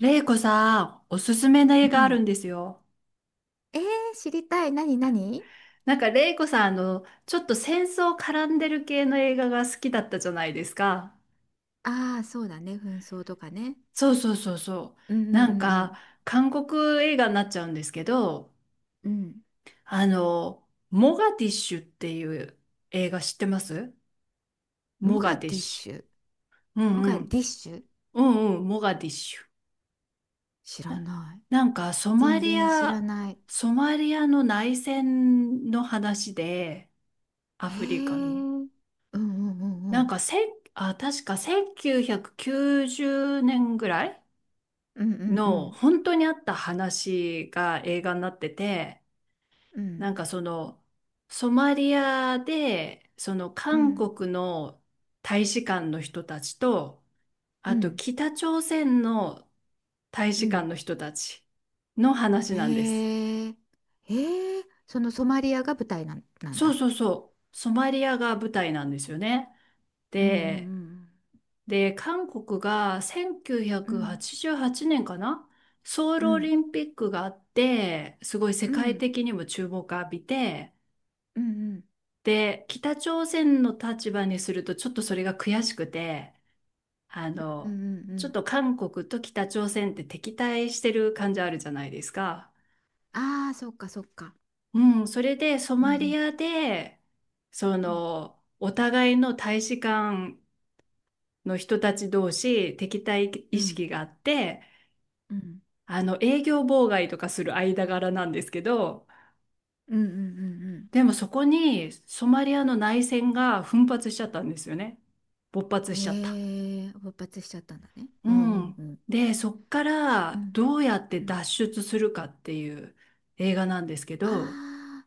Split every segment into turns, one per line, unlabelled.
レイコさん、おすすめの
う
映画ある
ん。
んですよ。
えー、知りたい。何何。
なんかレイコさん、ちょっと戦争絡んでる系の映画が好きだったじゃないですか。
ああー、そうだね。紛争とかね。
そうそうそうそ
うんう
う。なん
んう
か、
ん
韓国映画になっちゃうんですけど、
うん。うん。
モガディッシュっていう映画知ってます
モ
モガ
ガ
ディッ
ディッシ
シ
ュ。
ュ。うん
モ
う
ガデ
ん。
ィッシュ、
うんうん、モガディッシュ。
知ら
な、
ない。
なんか、
全然知らない。
ソマリアの内戦の話で、ア
へえ。
フリカの。
うんうんうんう
なん
ん。
かせん、あ、確か1990年ぐらい
うんうんう
の
ん
本当にあった話が映画になってて、
うん
なんかそのソマリアでその
う
韓
ん
国の大使館の人たちと、
う
あと
ん
北朝鮮の大
う
使館
ん。
の人たちの話なんです。
へえ。へえ。そのソマリアが舞台なん、なん
そう
だ。
そうそう。ソマリアが舞台なんですよね。
うんう
で、
ん
で、韓国が
うんう
1988
ん
年かな、ソウ
う
ルオ
ん
リンピックがあって、すごい世
う
界
ん
的にも注目を浴びて、
うんうん
で、北朝鮮の立場にするとちょっとそれが悔しくて、あ
うんう
の、
んうんう
ちょっ
ん。
と韓国と北朝鮮って敵対してる感じあるじゃないですか。
ああー、そっかそっか。
うん、それでソ
う
マリ
ん
アで、
うん
お互いの大使館の人たち同士敵対意
うん
識があって、
うん
あの営業妨害とかする間柄なんですけど、
うんうんうんうん
でもそこにソマリアの内戦が奮発しちゃったんですよね。勃発
うん、
しちゃった。
へえ、勃発しちゃったんだね。
う
うんうんう
ん。
ん
で、そっか
う
ら
ん
どうやって
うん。
脱出するかっていう映画なんですけど、
ああ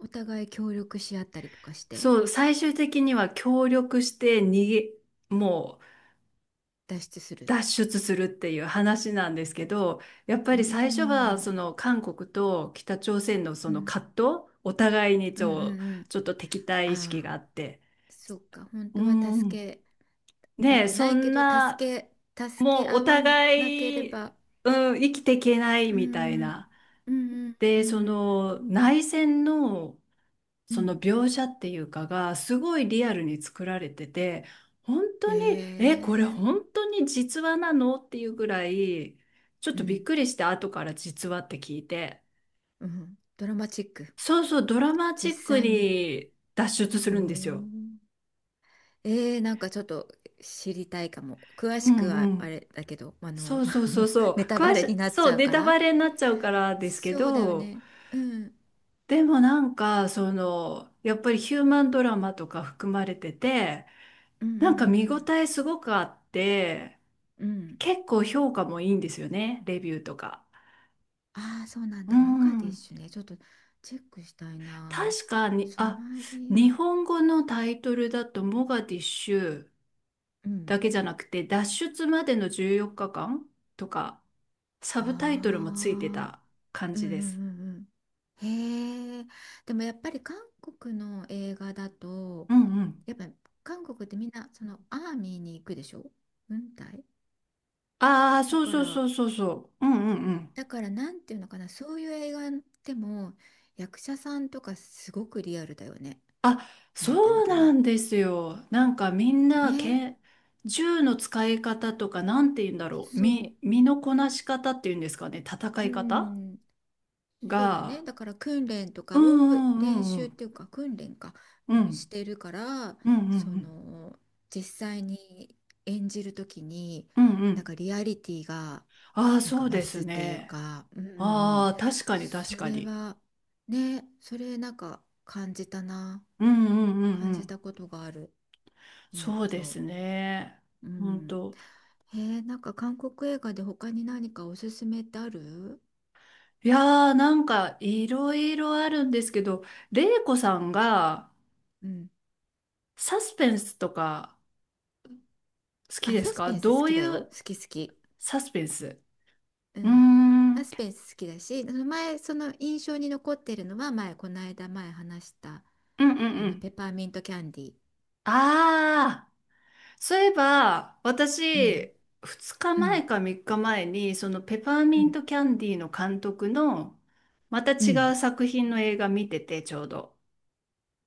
ー、お互い協力し合ったりとかして
そう、最終的には協力して逃げ、もう
脱出する。
脱出するっていう話なんですけど、やっ
う
ぱり
ー
最初はそ
ん
の韓国と北朝鮮のそ
う
の
ん
葛藤、お互いにち
うんうん
ょ、
うん。
ちょっと敵対意識
あ
が
あ
あって、
ー、そっか、本
う
当は助
ん、
けた
ねえ、
くな
そ
いけ
ん
ど、助
な、
け、助け
もうお
合わなけれ
互い、
ば。
うん、生きていけな
う
い
ー
みたい
んうん
な。
うんう
で、
ん
そ
うん
の内戦の
うん
そ
う
の
ん。
描写っていうかがすごいリアルに作られてて、本当に、
へ
え、これ
え。
本当に実話なの？っていうぐらいちょっ
う
とびっ
ん
くりして、後から実話って聞いて、
うん、ドラマチック。
そうそう、ドラマチ
実
ック
際に。
に脱出す
お
るんです
ー。
よ。
えー、なんかちょっと知りたいかも。詳
う
しく
ん
は
う
あ
ん、
れだけど、あ
そ
の
うそうそう そう、
ネタバレになっちゃう
ネ
か
タ
ら。
バレになっちゃうからですけ
そうだよ
ど、
ね。うん。
でもなんかそのやっぱりヒューマンドラマとか含まれてて、
うんう
なんか見応
ん
えすごくあって。
うんうん。うん。
結構評価もいいんですよね、レビューとか。
ああ、そうなん
う
だ。モガディッ
ん。
シュね。ちょっとチェックしたいな。
確かに、
ソ
あ、
マリ
日
ア。
本語のタイトルだと、モガディッシュ
う
だ
ん。
けじゃなくて、脱出までの14日間とか、サ
あ
ブタイトルもついて
あ。
た感
うんう
じ
んう
です。
んうん。へえ。でもやっぱり韓国の映画だと、
うんうん。
やっぱ韓国ってみんなそのアーミーに行くでしょ。軍隊
ああ、
だ
そう
か
そうそ
ら。
うそうそう。うんうんうん。
だからなんていうのかな、そういう映画でも役者さんとかすごくリアルだよね。
あ、
なんていうの
そう
か
な
な、
んですよ。なんかみんな
ね。
け、銃の使い方とか、なんて言うんだろう。
そ
身のこなし方っていうんですかね。戦
う、う
い方
ん、そうだ
が、
ね。だから訓練と
うん
かを、
う
練
んう
習っ
ん
ていうか訓練か、
う
うん、し
ん
てるから、
うんうんう
そ
ん
の実際に演じるときに、
うんう
なん
ん。
かリアリティが
ああ、
なん
そ
か
う
増
です
すっていう
ね。
か、うんうんう
あ
ん。
あ、確かに確
そ
か
れ
に。
はね、それなんか感じたな。
うんうんうん
感
う
じ
ん。
たことがある。うん
そうで
と。
すね。
う
本
ん。
当。
へえ、なんか韓国映画で他に何かおすすめってある？
いやー、なんかいろいろあるんですけど、れいこさんが
うん。
サスペンスとか好き
あ、
で
サ
す
ス
か、
ペンス
ど
好
う
きだ
い
よ。
う
好き好き。
サスペンス。
う
うー
ん、
ん。う
サ
ん
スペンス好きだし、その前、その印象に残ってるのは前、この間前話した、
うんう
あの、
ん。
ペパーミントキャンディー。
ああ。そういえば、
うん、
私、2
う
日前
ん、
か3日前に、そのペパー
う
ミン
ん、
トキャンディーの監督の、また
う
違
ん。
う作品の映画見てて、ちょうど。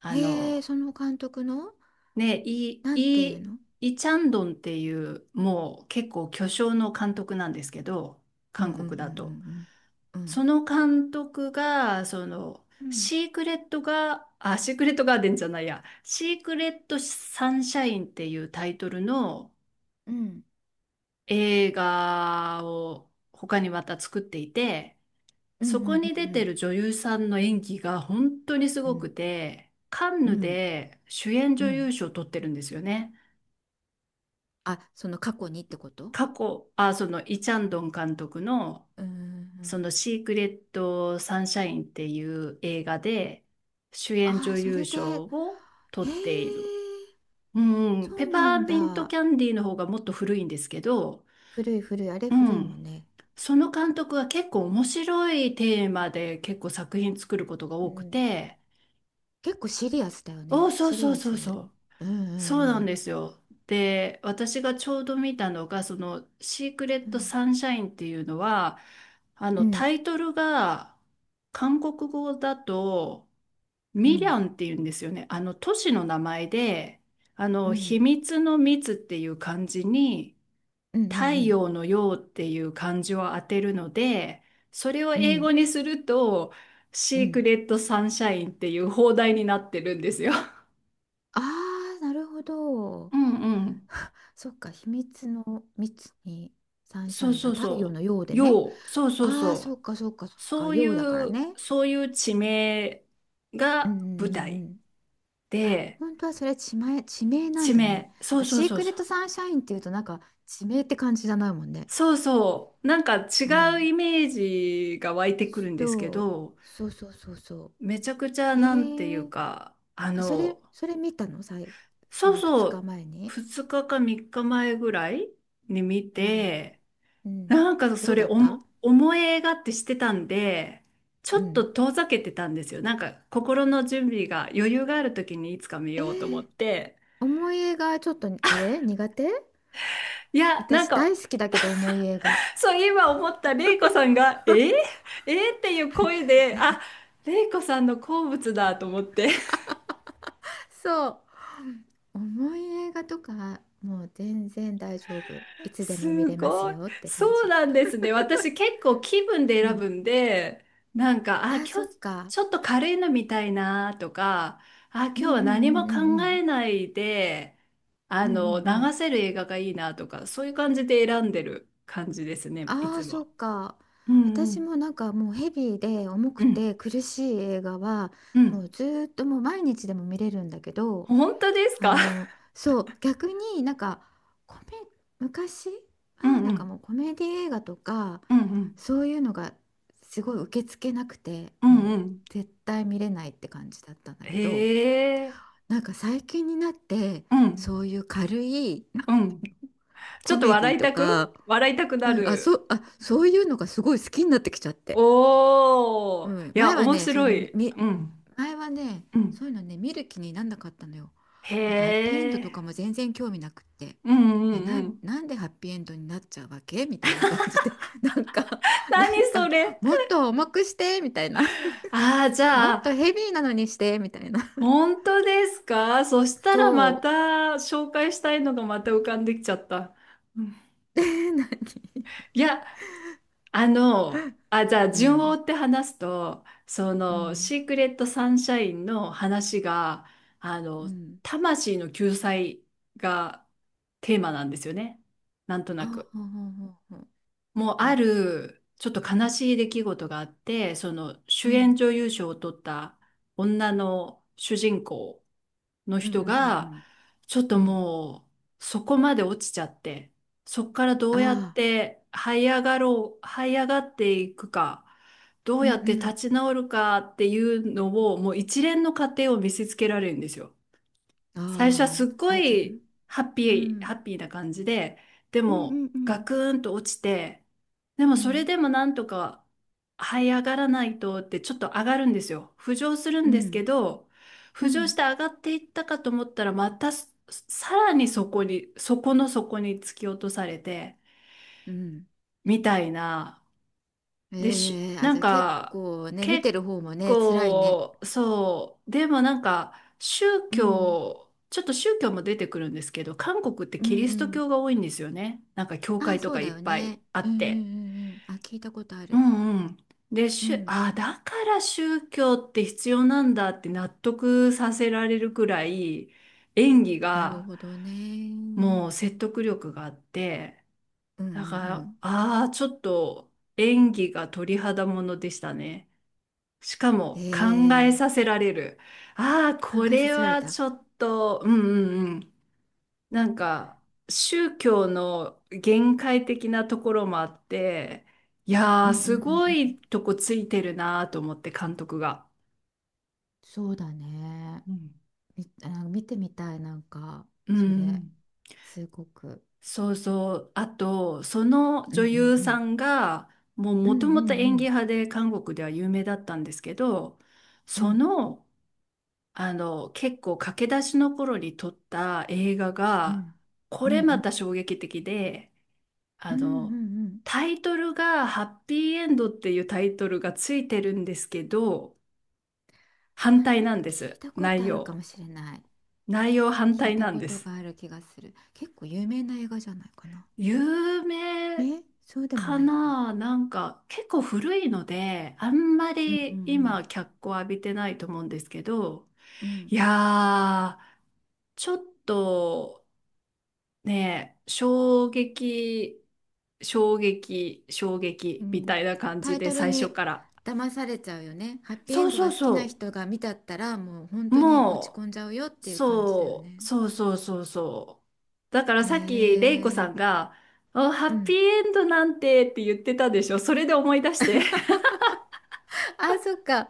あ
へえ、
の、
その監督の、
ね、
なんていうの。
イチャンドンっていう、もう結構巨匠の監督なんですけど、
うんう
韓
んうんう
国だと。
んうんう
そ
ん。
の監督が、
うん
シークレットが、あ、シークレットガーデンじゃないや、シークレットサンシャインっていうタイトルの、
うん
映画を他にまた作っていて、
うんう
そこ
ん
に出
う
て
ん
る女優さんの演技が本当にす
うんう
ご
ん
くて、カン
う
ヌ
んうん
で主演
う
女優
ん。
賞を取ってるんですよね。
あ、その過去にってこと？
過去、あ、そのイ・チャンドン監督の
うんうんう
そ
ん。
のシークレット・サンシャインっていう映画で主演
あ
女
ー、そ
優
れで、
賞を取
へ
っている。
え、
うん、
そ
ペ
うな
パ
ん
ーミント
だ。
キャンディーの方がもっと古いんですけど、
古い古い、あれ
う
古いもん
ん。
ね。
その監督は結構面白いテーマで結構作品作ることが
う
多く
ん。
て、
結構シリアスだよ
お、
ね。
そう
シリ
そう
ア
そ
ス。
うそう。
うんう
そうなん
ん
ですよ。で、私がちょうど見たのが、シークレッ
う
ト・
ん。
サンシャインっていうのは、
うん。
タイトルが、韓国語だと、
う
ミリ
ん。
ャンっていうんですよね。都市の名前で、
う
秘
ん
密の密っていう漢字に、
うんう
太
ん。
陽のようっていう漢字を当てるので、それを
う
英語
ん
にすると、
う
シーク
ん。
レットサンシャインっていう放題になってるんですよ。
ああー、なるほど。
うんうん。
そっか、秘密の密にサンシ
そ
ャ
う
イン。あ、
そう
太陽
そ
のよう
う。
でね。
よう、そうそう
ああ、そ
そ
っかそっかそ
う。
っか。
そうい
ようだから
う、
ね。
そういう地名
うんう
が舞
んうん
台
うん。あ、
で、
本当はそれ地名なん
地
だね。
名、
なん
そう
か
そう
シー
そう
クレッ
そう。
トサンシャインっていうとなんか地名って感じじゃないもんね。
そうそう。なんか
う
違う
ん。
イメージが湧いてくるんですけ
そう。
ど、
そうそうそうそ
めちゃくちゃ
う。
なんてい
へ
う
え。
か、
あ、それ、それ見たのさい、そ
そう
の2
そう、
日前に。
2日か3日前ぐらいに見
うん、
て、
うん、
なんか
ど
そ
う
れ
だった？
思い映画ってしてたんで、ち
う
ょっと
ん。
遠ざけてたんですよ。なんか心の準備が余裕がある時にいつか見
え
よ
ー、
うと思って。
重い映画ちょっとあれ苦手。
いや、なん
私
か、
大好きだけど重い映画。
そう今思った、レイコさんが、えー、えーっていう声で、あ、レイコさんの好物だと思って。
そう。重い映画とかもう全然大丈夫。いつでも見
す
れます
ごい。
よって感
そう
じ。
なんですね。私結構気分で
う
選
ん。
ぶんで、なんか、あ、今
あ、そっ
日
か。
ちょっと軽いの見たいなとか、あ、今
う
日
んう
は
んう
何も
んうん
考
う
え
ん
ないで、
うんうんうん。
流せる映画がいいなとか、そういう感じで選んでる感じですね、い
あ
つ
あ、そ
も。
うか。
うんう
私
ん。
もなんかもうヘビーで重
う
く
ん。
て苦しい映画は
う
も
ん。
うずーっともう毎日でも見れるんだけど、
本当です
あ
か？
の、そう、逆になんかコメ、昔
う
は
んう
なんか
ん。
もうコメディ映画とか
うんうん。
そういうのがすごい受け付けなくて
うん
も
う
う
ん。
絶対見れないって感じだったんだけど、
へえ。
なんか最近になって
うん。
そういう軽い
うん。ちょ
コ
っと
メディ
笑い
と
たく
か、
笑いたくな
うん、あ、そ
る。
う、あ、そういうのがすごい好きになってきちゃって。
お
う
ー。
ん、
いや、面白い。うん。
前はね、
う
そ
ん。
ういうのね、見る気になんなかったのよ。なんかハッピーエンド
へ
とか
え。
も全然興味なくって。
うんう
え、
ん
な
う
ん、
ん。
なんでハッピーエンドになっちゃうわけみたいな感じで、なんか、なん
何そ
か、
れ。
もっと重くして、みたいな。
ああ、じ
も
ゃ
っと
あ、
ヘビーなのにして、みたいな。
本当ですか、そしたらま
そ
た紹介したいのがまた浮かんできちゃった。うん、
う。で、何？
いや、じゃあ
う
順を追
ん、
って話すと、
うん、
シークレットサンシャインの話が、あ
う
の、
ん。
魂の救済がテーマなんですよね。なんと
あ、
なく。
ほうほうほうほう。
もう、
う
あ
ん、
る、ちょっと悲しい出来事があって、その
う
主演
ん、
女優賞を取った女の主人公の
うん、うん、
人
うん、う
が、
ん。
ちょっと
うん、
もうそこまで落ちちゃって、そこからどうやっ
ああ、
て這い上がろう、這い上がっていくか、ど
う
う
ん
や
う
って立
ん。
ち直るかっていうのを、もう一連の過程を見せつけられるんですよ。
あ、
最初はす
あ
っご
あ、はい、そうだね。
いハッピ
う
ー、
ん。
ハッピーな感じで、で
うんう
も
んう
ガ
ん
クーンと落ちて、でも
う
それ
ん
でもなんとか這い上がらないとってちょっと上がるんですよ。浮上するん
う
です
ん
けど、
う
浮上し
ん
て上がっていったかと思ったら、またさらにそこの底に突き落とされて、
うん。
みたいな。
ええ、あ、
な
じ
ん
ゃあ結
か、
構ね、見
結
てる方もね、辛いね。
構、そう、でもなんか、
うん
ちょっと宗教も出てくるんですけど、韓国って
うん
キ
う
リスト
ん。
教が多いんですよね。なんか教
ああ、
会と
そ
か
う
い
だ
っ
よ
ぱい
ね。
あ
うん
っ
うんう
て。
んうん。あ、聞いたことあ
う
る。
んうん。で、
う
しゅ、
ん。
あ、だから宗教って必要なんだって納得させられるくらい、演技
なる
が
ほどね。うん
もう説得力があって、
うんう
だから、
ん。
ああ、ちょっと演技が鳥肌ものでしたね。しかも考え
ええ、
させられる。ああ、
考
こ
えさ
れ
せられ
は
た。
ちょっと、うんうんうん。なんか、宗教の限界的なところもあって、い
う
や
ん
ー、
うんう
すご
んうん。
いとこついてるなーと思って、監督が。
そうだね。
うん
み、あ、見てみたい、なんか
う
それ、
ん、
すごく。
そうそう。あと、その
う
女
んうん
優
う
さ
ん
んが、もう
うん
もと
うん
もと
う
演技
ん
派で韓国では有名だったんですけど、
う
そ
ん
の結構駆け出しの頃に撮った映画
う
が、
んう
これ
んう
ま
ん
た衝撃的で、
う
あ
んう
の、
ん。
タイトルがハッピーエンドっていうタイトルがついてるんですけど、
あ、
反対
なん
なん
か
で
聞い
す。
たこ
内
とあるか
容。
もしれない。
内容反
聞い
対
た
なん
こ
で
と
す。
がある気がする。結構有名な映画じゃないかな。
有名
ね、そうでも
か
ないか。
な、なんか結構古いので、あんま
うんう
り
んう
今
ん
脚光浴びてないと思うんですけど、
う
い
ん。
やー、ちょっと、ねえ、衝撃、衝撃、衝
う
撃みた
ん、
いな感じ
タイ
で
トル
最初
に
から。
騙されちゃうよね。ハッピーエ
そ
ン
う
ド
そ
が
う
好きな
そ
人が見たったらもう本
う。
当に落ち
も
込んじゃうよっ
う、
ていう感じだよ
そう、
ね。
そうそうそうそう。だから
へ
さっき、レイコさ
え。
んが、あ、ハ
う
ッピー
ん。
エンドなんて、って言ってたでしょ。それで思い出して。
あ、そっか。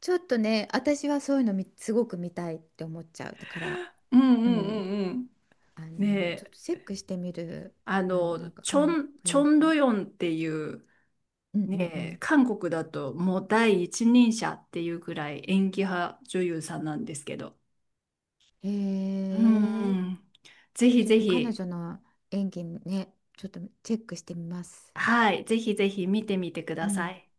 ちょっとね、私はそういうのみすごく見たいって思っちゃう。だから、
うんう
う
んう
ん、
んうん。
あの、
ね
ちょっと
え、
チェックしてみる。あの、なんか
チョ
韓
ン、チ
国
ョ
映
ン
画。
ドヨンっていう、
うんう
ね
んう
え、
ん。
韓国だともう第一人者っていうぐらい演技派女優さんなんですけど、
へ
うん
え、
うん。ぜひ
ちょっ
ぜ
と彼
ひ、
女の演技ね、ちょっとチェックしてみます。
はい、ぜひぜひ見てみてく
う
ださ
ん。
い。